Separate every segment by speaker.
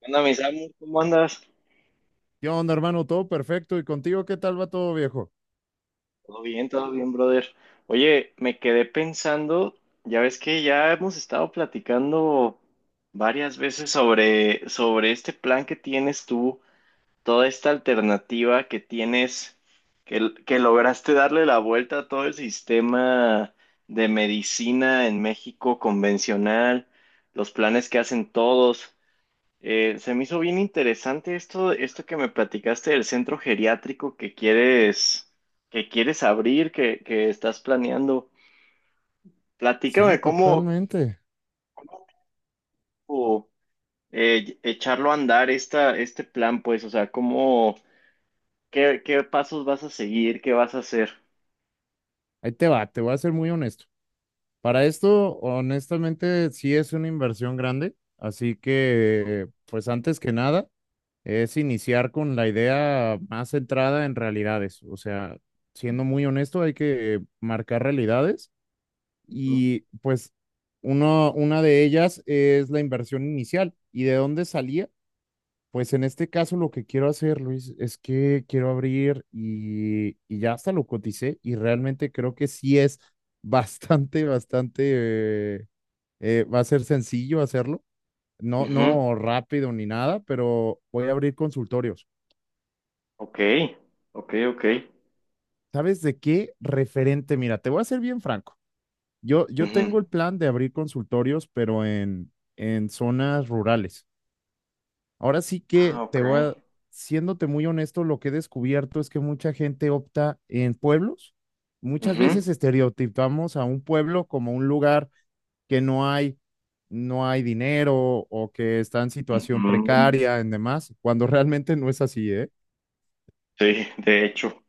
Speaker 1: ¿Qué onda, mi Samu? ¿Cómo andas?
Speaker 2: ¿Qué onda, hermano? Todo perfecto. ¿Y contigo qué tal va todo, viejo?
Speaker 1: Todo bien, brother. Oye, me quedé pensando, ya ves que ya hemos estado platicando varias veces sobre este plan que tienes tú, toda esta alternativa que tienes, que lograste darle la vuelta a todo el sistema de medicina en México convencional, los planes que hacen todos. Se me hizo bien interesante esto que me platicaste del centro geriátrico que quieres abrir, que estás planeando. Platícame
Speaker 2: Sí,
Speaker 1: cómo
Speaker 2: totalmente.
Speaker 1: o, echarlo a andar este plan, pues, o sea, cómo, qué pasos vas a seguir, qué vas a hacer.
Speaker 2: Ahí te va, te voy a ser muy honesto. Para esto, honestamente, sí es una inversión grande. Así que, pues antes que nada, es iniciar con la idea más centrada en realidades. O sea, siendo muy honesto, hay que marcar realidades
Speaker 1: Ujú.
Speaker 2: y pues uno, una de ellas es la inversión inicial. ¿Y de dónde salía? Pues en este caso lo que quiero hacer, Luis, es que quiero abrir y ya hasta lo coticé y realmente creo que sí es bastante, bastante, eh, va a ser sencillo hacerlo, no,
Speaker 1: Ujú.
Speaker 2: no rápido ni nada, pero voy a abrir consultorios.
Speaker 1: Ok, ok, ok.
Speaker 2: ¿Sabes de qué referente? Mira, te voy a ser bien franco. Yo
Speaker 1: Ujú.
Speaker 2: tengo el plan de abrir consultorios, pero en zonas rurales. Ahora sí
Speaker 1: Ah,
Speaker 2: que te
Speaker 1: ok.
Speaker 2: voy a, siéndote muy honesto, lo que he descubierto es que mucha gente opta en pueblos. Muchas
Speaker 1: Ujú.
Speaker 2: veces estereotipamos a un pueblo como un lugar que no hay, no hay dinero o que está en situación
Speaker 1: Ujú.
Speaker 2: precaria en demás, cuando realmente no es así, ¿eh?
Speaker 1: Sí,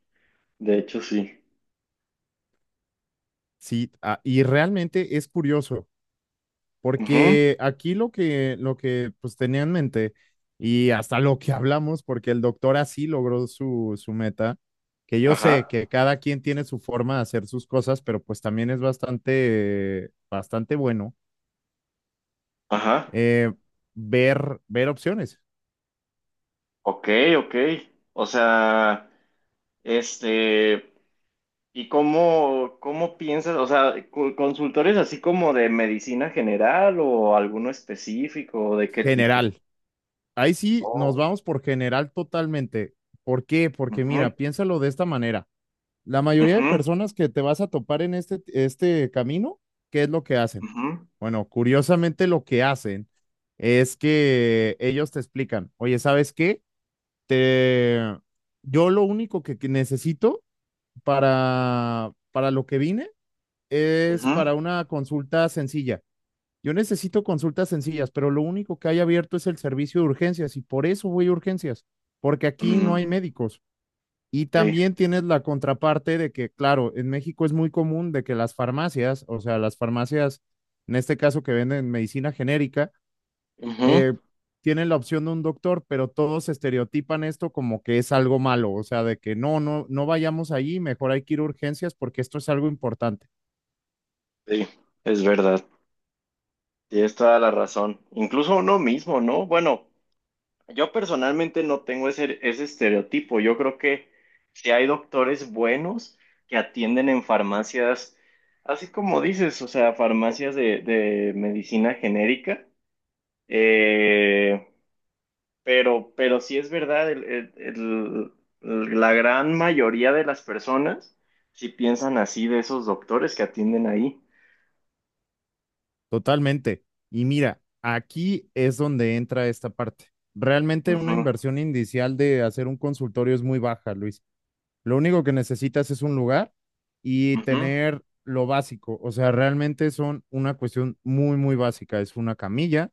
Speaker 1: de hecho sí.
Speaker 2: Sí, ah, y realmente es curioso.
Speaker 1: Ujú.
Speaker 2: Porque aquí lo que pues tenía en mente y hasta lo que hablamos, porque el doctor así logró su, su meta, que yo
Speaker 1: Ajá,
Speaker 2: sé que cada quien tiene su forma de hacer sus cosas, pero pues también es bastante, bastante bueno
Speaker 1: ajá.
Speaker 2: eh, ver, ver opciones.
Speaker 1: Ok, ok. O sea, este, ¿y cómo, cómo piensas? O sea, consultores así como de medicina general o alguno específico, ¿o ¿de qué tipo?
Speaker 2: General. Ahí sí nos
Speaker 1: Oh.
Speaker 2: vamos por general totalmente. ¿Por qué? Porque
Speaker 1: Ujú,
Speaker 2: mira, piénsalo de esta manera. La mayoría de
Speaker 1: ujú,
Speaker 2: personas que te vas a topar en este camino, ¿qué es lo que hacen?
Speaker 1: ujú,
Speaker 2: Bueno, curiosamente lo que hacen es que ellos te explican, oye, ¿sabes qué? Te... Yo lo único que necesito para lo que vine es
Speaker 1: ujú.
Speaker 2: para una consulta sencilla. Yo necesito consultas sencillas, pero lo único que hay abierto es el servicio de urgencias y por eso voy a urgencias, porque aquí no
Speaker 1: Mm,
Speaker 2: hay médicos. Y
Speaker 1: sí,
Speaker 2: también tienes la contraparte de que, claro, en México es muy común de que las farmacias, o sea, las farmacias, en este caso que venden medicina genérica,
Speaker 1: ujú,
Speaker 2: eh, tienen la opción de un doctor, pero todos estereotipan esto como que es algo malo, o sea, de que no, no, no vayamos allí, mejor hay que ir a urgencias porque esto es algo importante,
Speaker 1: sí, es verdad. Tienes toda la razón. Incluso uno mismo, ¿no? Bueno. Yo personalmente no tengo ese estereotipo. Yo creo que si hay doctores buenos que atienden en farmacias, así como dices, o sea, farmacias de medicina genérica, eh, pero sí es verdad, la gran mayoría de las personas sí piensan así de esos doctores que atienden ahí.
Speaker 2: totalmente. Y mira, aquí es donde entra esta parte. Realmente una
Speaker 1: Ujú,
Speaker 2: inversión inicial de hacer un consultorio es muy baja, Luis. Lo único que necesitas es un lugar y
Speaker 1: ujú,
Speaker 2: tener lo básico. O sea, realmente son una cuestión muy, muy básica. Es una camilla,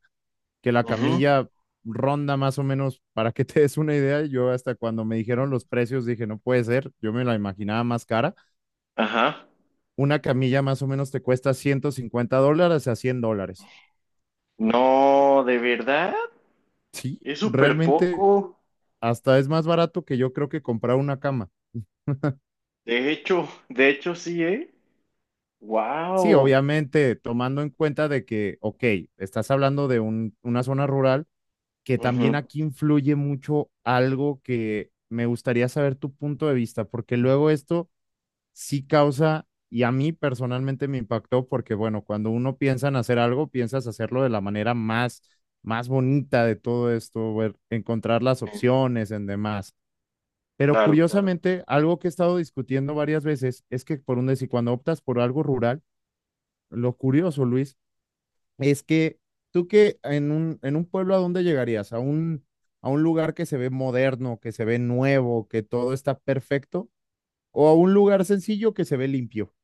Speaker 2: que la
Speaker 1: ujú.
Speaker 2: camilla ronda más o menos, para que te des una idea, yo hasta cuando me dijeron los precios dije, no puede ser, yo me la imaginaba más cara.
Speaker 1: Ajá.
Speaker 2: Una camilla más o menos te cuesta $150 a $100.
Speaker 1: No, de verdad,
Speaker 2: Sí,
Speaker 1: es súper
Speaker 2: realmente
Speaker 1: poco.
Speaker 2: hasta es más barato que yo creo que comprar una cama.
Speaker 1: De hecho sí, ¿eh?
Speaker 2: Sí,
Speaker 1: Wow.
Speaker 2: obviamente tomando en cuenta de que, ok, estás hablando de un, una zona rural que también aquí influye mucho algo que me gustaría saber tu punto de vista, porque luego esto sí causa, y a mí personalmente me impactó, porque bueno, cuando uno piensa en hacer algo, piensas hacerlo de la manera más, más bonita de todo esto, ver- encontrar las opciones en demás. Pero
Speaker 1: Claro, claro.
Speaker 2: curiosamente, algo que he estado discutiendo varias veces es que por un decir, cuando optas por algo rural, lo curioso, Luis, es que tú que en en un pueblo a dónde llegarías, a un lugar que se ve moderno, que se ve nuevo, que todo está perfecto, o a un lugar sencillo que se ve limpio.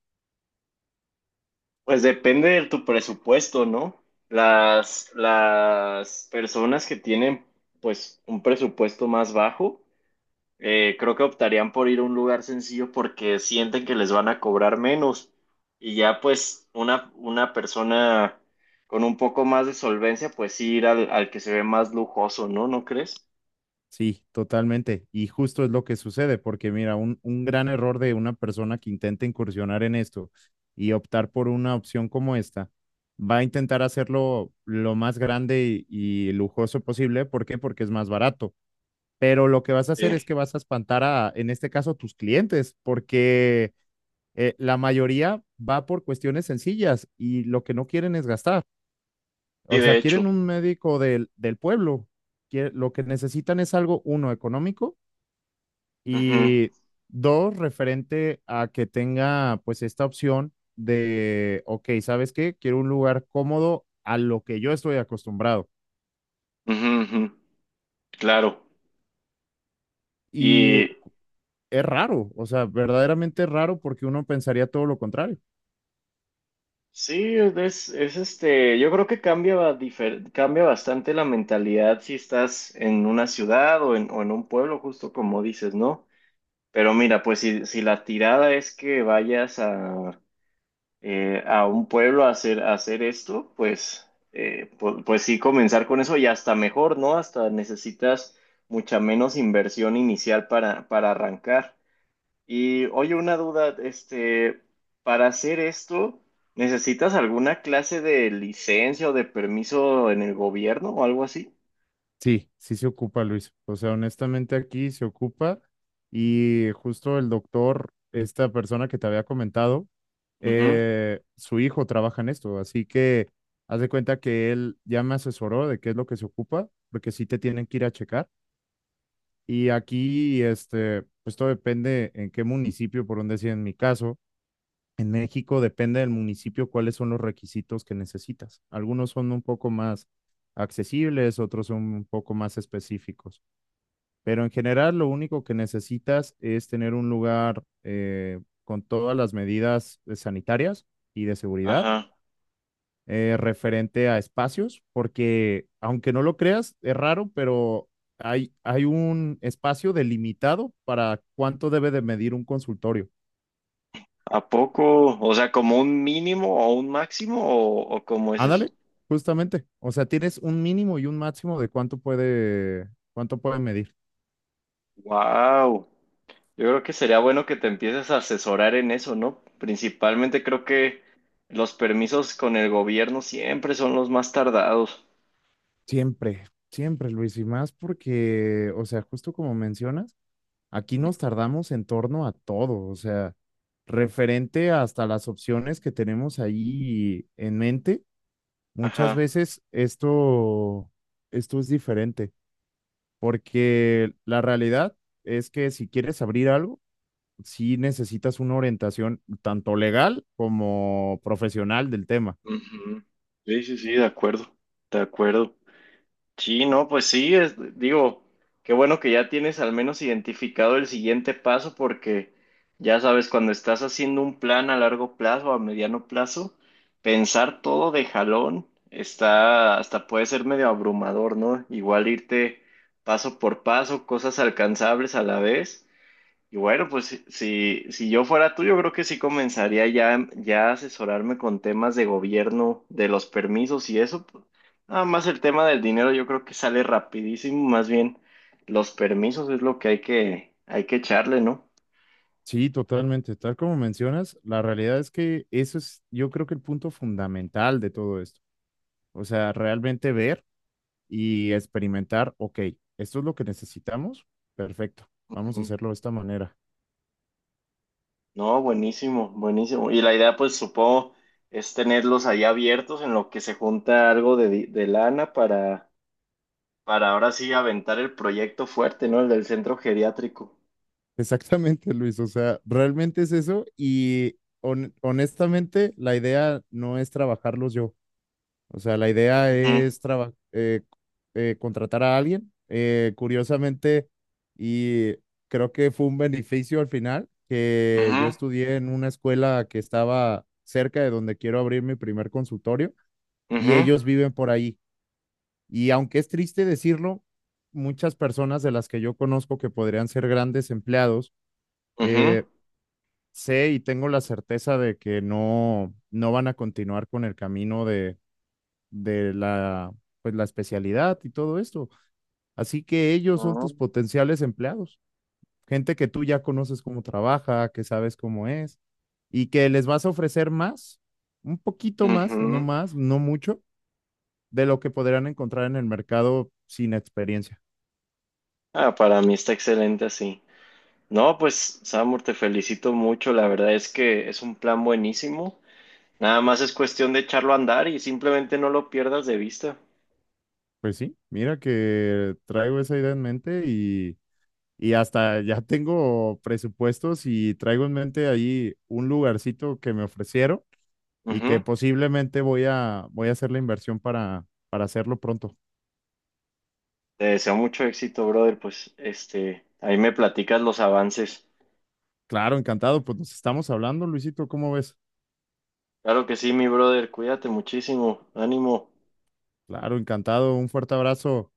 Speaker 1: Pues depende de tu presupuesto, ¿no? Las personas que tienen, pues, un presupuesto más bajo, creo que optarían por ir a un lugar sencillo porque sienten que les van a cobrar menos. Y ya, pues, una persona con un poco más de solvencia, pues sí ir al que se ve más lujoso, ¿no? ¿No crees?
Speaker 2: Sí, totalmente. Y justo es lo que sucede, porque mira, un gran error de una persona que intenta incursionar en esto y optar por una opción como esta, va a intentar hacerlo lo más grande y lujoso posible. ¿Por qué? Porque es más barato pero lo que vas a
Speaker 1: Sí,
Speaker 2: hacer es que vas a espantar a, en este caso, a tus clientes, porque la mayoría va por cuestiones sencillas y lo que no quieren es gastar.
Speaker 1: sí,
Speaker 2: O sea,
Speaker 1: de hecho.
Speaker 2: quieren un médico del, del pueblo. Lo que necesitan es algo, uno, económico
Speaker 1: Ujú,
Speaker 2: y dos, referente a que tenga pues esta opción de, ok, ¿sabes qué? Quiero un lugar cómodo a lo que yo estoy acostumbrado.
Speaker 1: ujú, ujú. Claro.
Speaker 2: Y
Speaker 1: Y
Speaker 2: es raro, o sea, verdaderamente es raro porque uno pensaría todo lo contrario.
Speaker 1: sí, es este, yo creo que cambia, cambia bastante la mentalidad si estás en una ciudad o en un pueblo, justo como dices, ¿no? Pero mira, pues si, si la tirada es que vayas a un pueblo a a hacer esto, pues, pues sí, comenzar con eso y hasta mejor, ¿no? Hasta necesitas mucha menos inversión inicial para arrancar. Y oye, una duda, este, para hacer esto, ¿necesitas alguna clase de licencia o de permiso en el gobierno o algo así?
Speaker 2: Sí, sí se ocupa, Luis. O sea, honestamente aquí se ocupa y justo el doctor, esta persona que te había comentado,
Speaker 1: Ujú,
Speaker 2: su hijo trabaja en esto, así que haz de cuenta que él ya me asesoró de qué es lo que se ocupa, porque sí te tienen que ir a checar. Y aquí, este, pues todo depende en qué municipio, por donde sea en mi caso. En México depende del municipio cuáles son los requisitos que necesitas. Algunos son un poco más accesibles, otros son un poco más específicos. Pero en general lo único que necesitas es tener un lugar con todas las medidas sanitarias y de seguridad
Speaker 1: ajá.
Speaker 2: referente a espacios, porque aunque no lo creas, es raro, pero hay un espacio delimitado para cuánto debe de medir un consultorio.
Speaker 1: ¿A poco? O sea, ¿como un mínimo o un máximo o cómo es eso?
Speaker 2: Ándale, justamente. O sea, tienes un mínimo y un máximo de cuánto puede medir.
Speaker 1: Wow. Yo creo que sería bueno que te empieces a asesorar en eso, ¿no? Principalmente creo que los permisos con el gobierno siempre son los más tardados.
Speaker 2: Siempre, siempre, Luis, y más porque, o sea, justo como mencionas. Aquí nos tardamos en torno a todo, o sea, referente hasta las opciones que tenemos ahí en mente, muchas
Speaker 1: Ajá.
Speaker 2: veces esto, esto es diferente, porque la realidad es que si quieres abrir algo, sí necesitas una orientación tanto legal como profesional del tema.
Speaker 1: Ujú. Sí, sí, sí, de acuerdo. De acuerdo. Sí, no, pues sí, digo, qué bueno que ya tienes al menos identificado el siguiente paso porque ya sabes, cuando estás haciendo un plan a largo plazo, a mediano plazo, pensar todo de jalón está, hasta puede ser medio abrumador, ¿no? Igual irte paso por paso, cosas alcanzables a la vez. Y bueno, pues si, si yo fuera tú, yo creo que sí comenzaría ya, ya a asesorarme con temas de gobierno, de los permisos y eso. Pues, nada más el tema del dinero yo creo que sale rapidísimo, más bien los permisos es lo que hay hay que echarle, ¿no?
Speaker 2: Sí, totalmente. Tal como mencionas, la realidad es que eso es, yo creo que el punto fundamental de todo esto. O sea, realmente ver y experimentar, ok, esto es lo que necesitamos, perfecto, vamos a
Speaker 1: Ujú.
Speaker 2: hacerlo de esta manera.
Speaker 1: No, buenísimo, buenísimo. Y la idea, pues supongo, es tenerlos ahí abiertos en lo que se junta algo de, de lana para ahora sí aventar el proyecto fuerte, ¿no? El del centro geriátrico.
Speaker 2: Exactamente, Luis, o sea, realmente es eso y honestamente la idea no es trabajarlos yo, o sea, la idea
Speaker 1: Ujú,
Speaker 2: es contratar a alguien, curiosamente, y creo que fue un beneficio al final, que yo
Speaker 1: ujú,
Speaker 2: estudié en una escuela que estaba cerca de donde quiero abrir mi primer consultorio y
Speaker 1: ujú.
Speaker 2: ellos viven por ahí. Y aunque es triste decirlo, muchas personas de las que yo conozco que podrían ser grandes empleados,
Speaker 1: Ujú,
Speaker 2: eh, sé y tengo la certeza de que no, no van a continuar con el camino de la, pues, la especialidad y todo esto. Así que ellos son
Speaker 1: ah,
Speaker 2: tus potenciales empleados, gente que tú ya conoces cómo trabaja, que sabes cómo es y que les vas a ofrecer más, un poquito
Speaker 1: ujú.
Speaker 2: más, no mucho, de lo que podrán encontrar en el mercado sin experiencia.
Speaker 1: Ah, para mí está excelente así. No, pues, Samur, te felicito mucho. La verdad es que es un plan buenísimo. Nada más es cuestión de echarlo a andar y simplemente no lo pierdas de vista.
Speaker 2: Pues sí, mira que traigo esa idea en mente y hasta ya tengo presupuestos y traigo en mente ahí un lugarcito que me ofrecieron y que
Speaker 1: Ujú.
Speaker 2: posiblemente voy a, voy a hacer la inversión para hacerlo pronto.
Speaker 1: Te deseo mucho éxito, brother. Pues, este, ahí me platicas los avances.
Speaker 2: Claro, encantado, pues nos estamos hablando, Luisito, ¿cómo ves?
Speaker 1: Claro que sí, mi brother. Cuídate muchísimo. Ánimo.
Speaker 2: Claro, encantado, un fuerte abrazo.